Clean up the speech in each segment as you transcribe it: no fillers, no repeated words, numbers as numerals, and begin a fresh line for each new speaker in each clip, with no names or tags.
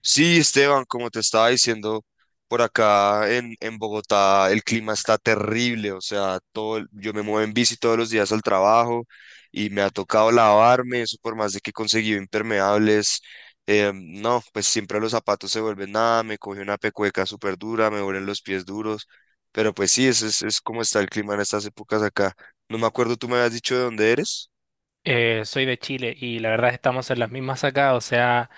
Sí, Esteban, como te estaba diciendo, por acá en Bogotá el clima está terrible, o sea, todo, yo me muevo en bici todos los días al trabajo y me ha tocado lavarme, eso por más de que he conseguido impermeables, no, pues siempre los zapatos se vuelven nada, me coge una pecueca súper dura, me vuelven los pies duros, pero pues sí, ese es como está el clima en estas épocas acá. No me acuerdo, tú me habías dicho de dónde eres.
Soy de Chile y la verdad estamos en las mismas acá, o sea,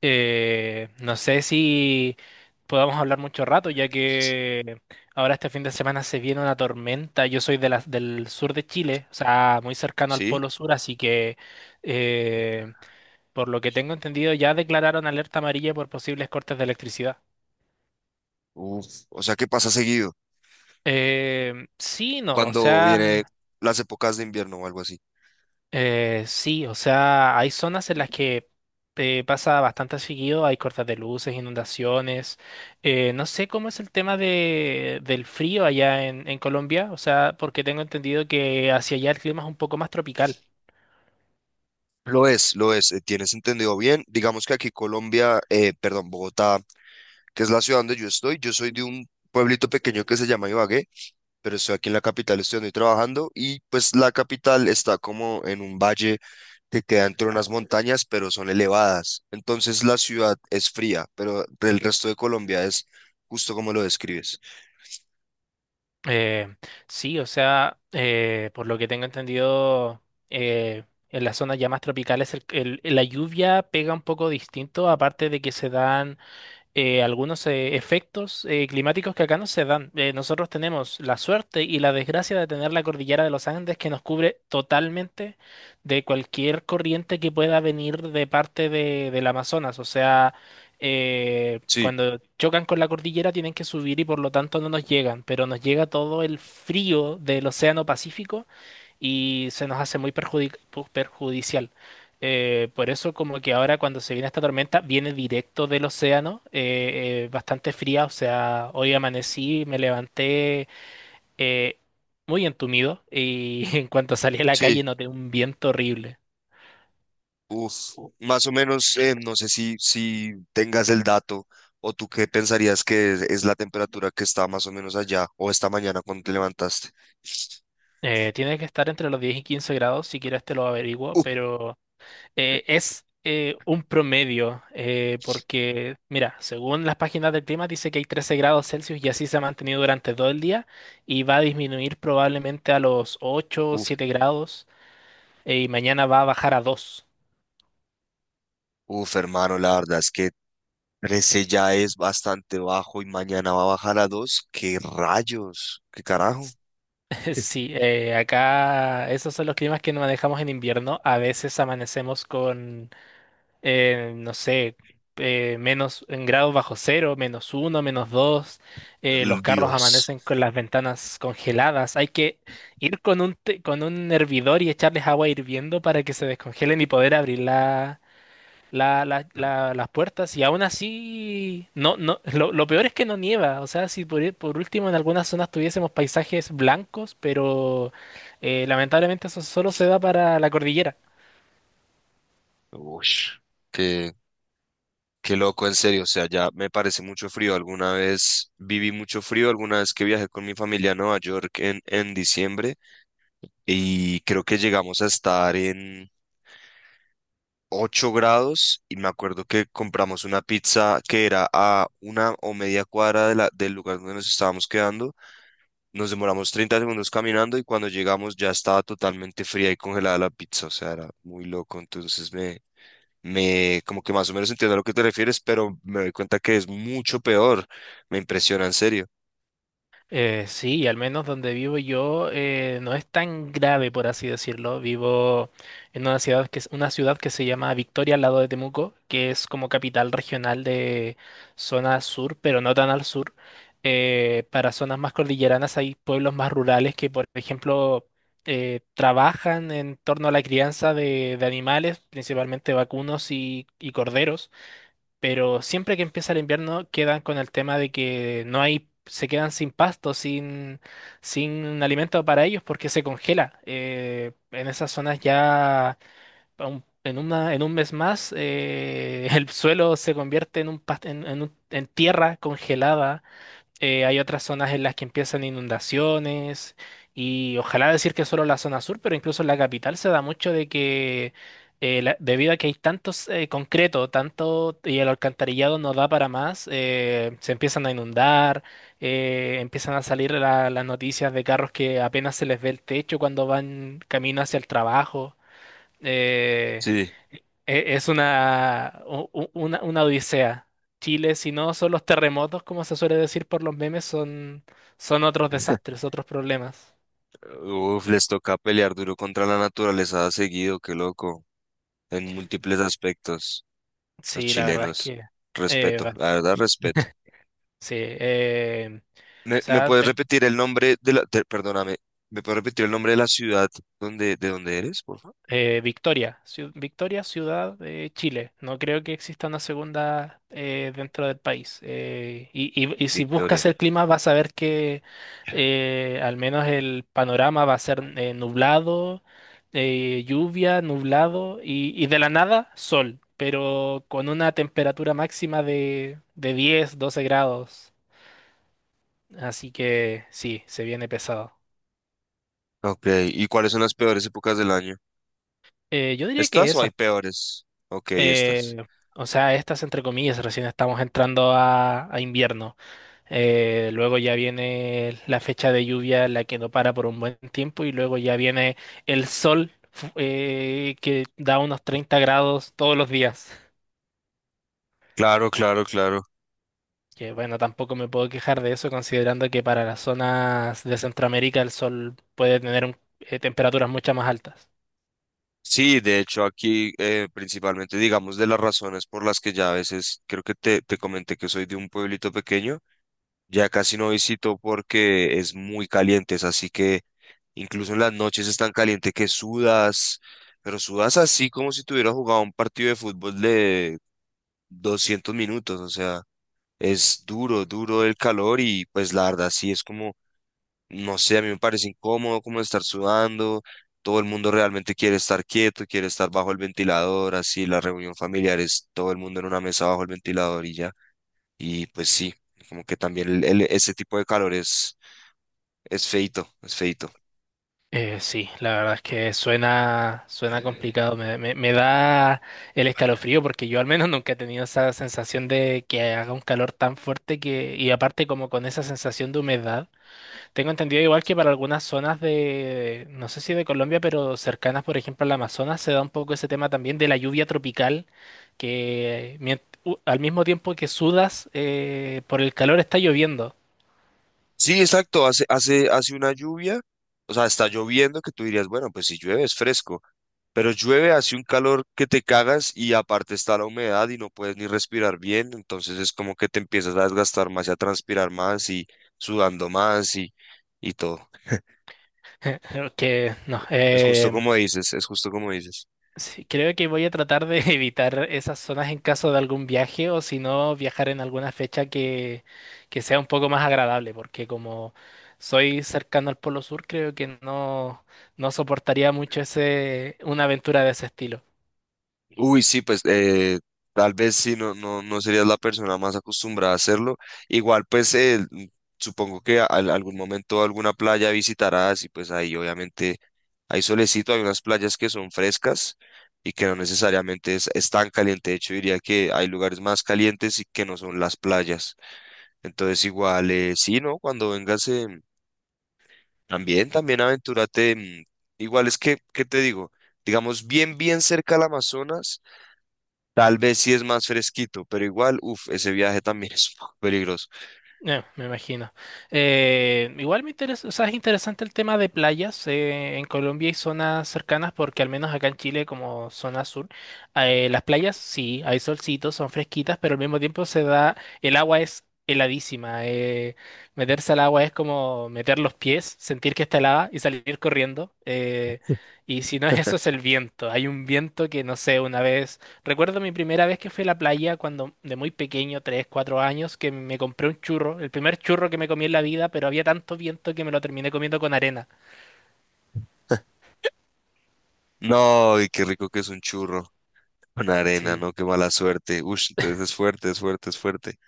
no sé si podamos hablar mucho rato, ya que ahora este fin de semana se viene una tormenta. Yo soy del sur de Chile, o sea, muy cercano al
¿Sí?
Polo Sur, así que eh, por lo que tengo entendido ya declararon alerta amarilla por posibles cortes de electricidad.
Uf, o sea, ¿qué pasa seguido
Sí, no, o
cuando
sea...
viene las épocas de invierno o algo así?
Sí, o sea, hay zonas en las que pasa bastante seguido, hay cortes de luces, inundaciones. No sé cómo es el tema de, del frío allá en Colombia, o sea, porque tengo entendido que hacia allá el clima es un poco más tropical.
Lo es, tienes entendido bien. Digamos que aquí Colombia, perdón, Bogotá, que es la ciudad donde yo estoy, yo soy de un pueblito pequeño que se llama Ibagué, pero estoy aquí en la capital, estoy donde trabajando y pues la capital está como en un valle que queda entre unas montañas, pero son elevadas. Entonces la ciudad es fría, pero el resto de Colombia es justo como lo describes.
Eh, sí, o sea, por lo que tengo entendido, eh, en las zonas ya más tropicales la lluvia pega un poco distinto, aparte de que se dan algunos efectos climáticos que acá no se dan. Nosotros tenemos la suerte y la desgracia de tener la cordillera de los Andes que nos cubre totalmente de cualquier corriente que pueda venir de parte de, del Amazonas. O sea,
Sí,
cuando chocan con la cordillera tienen que subir y por lo tanto no nos llegan, pero nos llega todo el frío del Océano Pacífico y se nos hace muy perjudicial. Por eso como que ahora cuando se viene esta tormenta viene directo del océano, bastante fría, o sea, hoy amanecí, me levanté eh, muy entumido y en cuanto salí a la calle
sí.
noté un viento horrible.
Uf, más o menos, no sé si tengas el dato o tú qué pensarías que es la temperatura que está más o menos allá o esta mañana cuando te levantaste.
Tiene que estar entre los 10 y 15 grados, si quieres te lo averiguo,
Uf,
pero es un promedio, porque, mira, según las páginas del clima dice que hay 13 grados Celsius y así se ha mantenido durante todo el día y va a disminuir probablemente a los 8, o
uf,
7 grados y mañana va a bajar a 2.
uf, hermano, la verdad es que 13 ya es bastante bajo y mañana va a bajar a 2. ¡Qué rayos! ¡Qué carajo!
Sí, acá esos son los climas que nos manejamos en invierno. A veces amanecemos con no sé, menos en grados bajo cero, menos uno, menos dos, los
El
carros
Dios.
amanecen con las ventanas congeladas. Hay que ir con un, con un hervidor y echarles agua hirviendo para que se descongelen y poder abrir la, las puertas. Y aún así, no, no, lo peor es que no nieva. O sea, si por último en algunas zonas tuviésemos paisajes blancos, pero lamentablemente eso solo se da para la cordillera.
Ush, qué, qué loco, en serio. O sea, ya me parece mucho frío. Alguna vez viví mucho frío, alguna vez que viajé con mi familia a Nueva York en diciembre. Y creo que llegamos a estar en 8 grados y me acuerdo que compramos una pizza que era a una o media cuadra de del lugar donde nos estábamos quedando. Nos demoramos 30 segundos caminando y cuando llegamos ya estaba totalmente fría y congelada la pizza, o sea, era muy loco, entonces me... como que más o menos entiendo a lo que te refieres, pero me doy cuenta que es mucho peor. Me impresiona, en serio.
Sí, y al menos donde vivo yo no es tan grave, por así decirlo. Vivo en una ciudad que es una ciudad que se llama Victoria al lado de Temuco, que es como capital regional de zona sur, pero no tan al sur. Para zonas más cordilleranas hay pueblos más rurales que, por ejemplo, trabajan en torno a la crianza de animales, principalmente vacunos y corderos. Pero siempre que empieza el invierno quedan con el tema de que no hay, se quedan sin pasto, sin, sin alimento para ellos porque se congela. En esas zonas ya en una, en un mes más el suelo se convierte en un, en, en tierra congelada hay otras zonas en las que empiezan inundaciones y ojalá decir que solo la zona sur, pero incluso en la capital se da mucho de que debido a que hay tantos concreto, tanto y el alcantarillado no da para más, se empiezan a inundar, empiezan a salir las noticias de carros que apenas se les ve el techo cuando van camino hacia el trabajo. Eh,
Sí.
es una, una odisea. Chile, si no son los terremotos, como se suele decir por los memes, son, son otros desastres, otros problemas.
Uf, les toca pelear duro contra la naturaleza seguido, qué loco, en múltiples aspectos, los
Sí, la verdad es
chilenos.
que... eh,
Respeto,
va-
la verdad, respeto.
sí, o
¿Me
sea,
puedes repetir el nombre de la, perdóname, ¿me puedes repetir el nombre de la ciudad donde, de donde eres, por favor?
Victoria, Victoria, ciudad de Chile. No creo que exista una segunda dentro del país. Y si buscas
Victoria.
el clima vas a ver que al menos el panorama va a ser nublado, lluvia, nublado y de la nada sol, pero con una temperatura máxima de 10, 12 grados. Así que sí, se viene pesado.
Ok, ¿y cuáles son las peores épocas del año?
Yo diría que
¿Estas o
eso.
hay peores? Ok, estas.
Eh, o sea, estas entre comillas, recién estamos entrando a invierno. Luego ya viene la fecha de lluvia, la que no para por un buen tiempo, y luego ya viene el sol que da unos 30 grados todos los días.
Claro, claro, claro.
Que bueno, tampoco me puedo quejar de eso, considerando que para las zonas de Centroamérica el sol puede tener temperaturas mucho más altas.
Sí, de hecho aquí principalmente, digamos, de las razones por las que ya a veces, creo que te comenté que soy de un pueblito pequeño, ya casi no visito porque es muy caliente, es así que incluso en las noches es tan caliente que sudas, pero sudas así como si tuvieras jugado un partido de fútbol de 200 minutos. O sea, es duro, duro el calor y pues la verdad sí es como, no sé, a mí me parece incómodo como estar sudando. Todo el mundo realmente quiere estar quieto, quiere estar bajo el ventilador, así la reunión familiar es todo el mundo en una mesa bajo el ventilador y ya. Y pues sí, como que también ese tipo de calor es feito, es feito.
Sí, la verdad es que suena, suena complicado. Me da el escalofrío porque yo al menos nunca he tenido esa sensación de que haga un calor tan fuerte que, y aparte como con esa sensación de humedad. Tengo entendido igual que para algunas zonas de, no sé si de Colombia, pero cercanas, por ejemplo, al Amazonas, se da un poco ese tema también de la lluvia tropical, que al mismo tiempo que sudas, por el calor está lloviendo.
Sí, exacto, hace una lluvia, o sea, está lloviendo que tú dirías, bueno, pues si llueve es fresco, pero llueve, hace un calor que te cagas y aparte está la humedad y no puedes ni respirar bien, entonces es como que te empiezas a desgastar más y a transpirar más y sudando más y todo.
Que no,
Es justo como dices, es justo como dices.
Sí, creo que voy a tratar de evitar esas zonas en caso de algún viaje o si no viajar en alguna fecha que sea un poco más agradable, porque como soy cercano al Polo Sur, creo que no, no soportaría mucho ese, una aventura de ese estilo.
Uy, sí, pues tal vez sí, no, no, no serías la persona más acostumbrada a hacerlo. Igual, pues supongo que algún momento alguna playa visitarás y pues ahí obviamente hay solecito, hay unas playas que son frescas y que no necesariamente es tan caliente. De hecho, diría que hay lugares más calientes y que no son las playas. Entonces, igual, sí, ¿no? Cuando vengas, también aventúrate. Igual es que, ¿qué te digo? Digamos, bien, bien cerca al Amazonas. Tal vez sí es más fresquito, pero igual, uff, ese viaje también es un poco peligroso.
Me imagino. Igual me interesa, o sea, es interesante el tema de playas en Colombia y zonas cercanas, porque al menos acá en Chile, como zona sur, las playas sí, hay solcitos, son fresquitas, pero al mismo tiempo se da, el agua es heladísima. Meterse al agua es como meter los pies, sentir que está helada y salir corriendo. Y si no es eso, es el viento. Hay un viento que, no sé, una vez. Recuerdo mi primera vez que fui a la playa cuando de muy pequeño, 3, 4 años, que me compré un churro, el primer churro que me comí en la vida, pero había tanto viento que me lo terminé comiendo con arena.
No, y qué rico que es un churro con arena,
Sí,
¿no? Qué mala suerte. Uff, entonces es fuerte, es fuerte, es fuerte.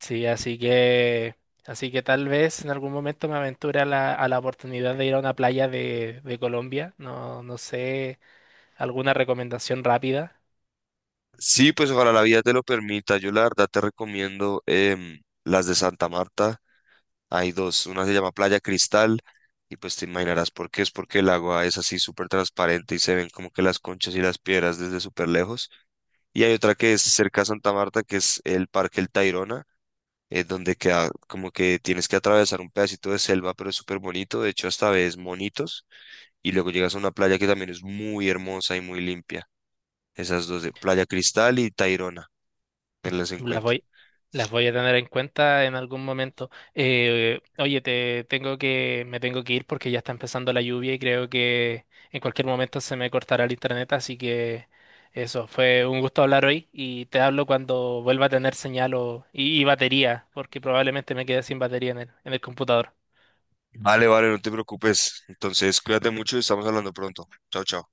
sí, así que tal vez en algún momento me aventure a la oportunidad de ir a una playa de Colombia. No, no sé, alguna recomendación rápida.
Sí, pues ojalá la vida te lo permita. Yo la verdad te recomiendo las de Santa Marta. Hay dos, una se llama Playa Cristal y pues te imaginarás por qué, es porque el agua es así súper transparente y se ven como que las conchas y las piedras desde súper lejos. Y hay otra que es cerca a Santa Marta, que es el Parque El Tayrona, donde queda como que tienes que atravesar un pedacito de selva, pero es súper bonito, de hecho hasta ves monitos y luego llegas a una playa que también es muy hermosa y muy limpia. Esas dos de Playa Cristal y Tayrona, tenlas en
Las
cuenta.
voy, las voy a tener en cuenta en algún momento. Oye, te tengo que, me tengo que ir porque ya está empezando la lluvia y creo que en cualquier momento se me cortará el internet, así que eso, fue un gusto hablar hoy y te hablo cuando vuelva a tener señal y batería, porque probablemente me quede sin batería en el computador.
Vale, vale, no te preocupes. Entonces, cuídate mucho y estamos hablando pronto. Chao, chao.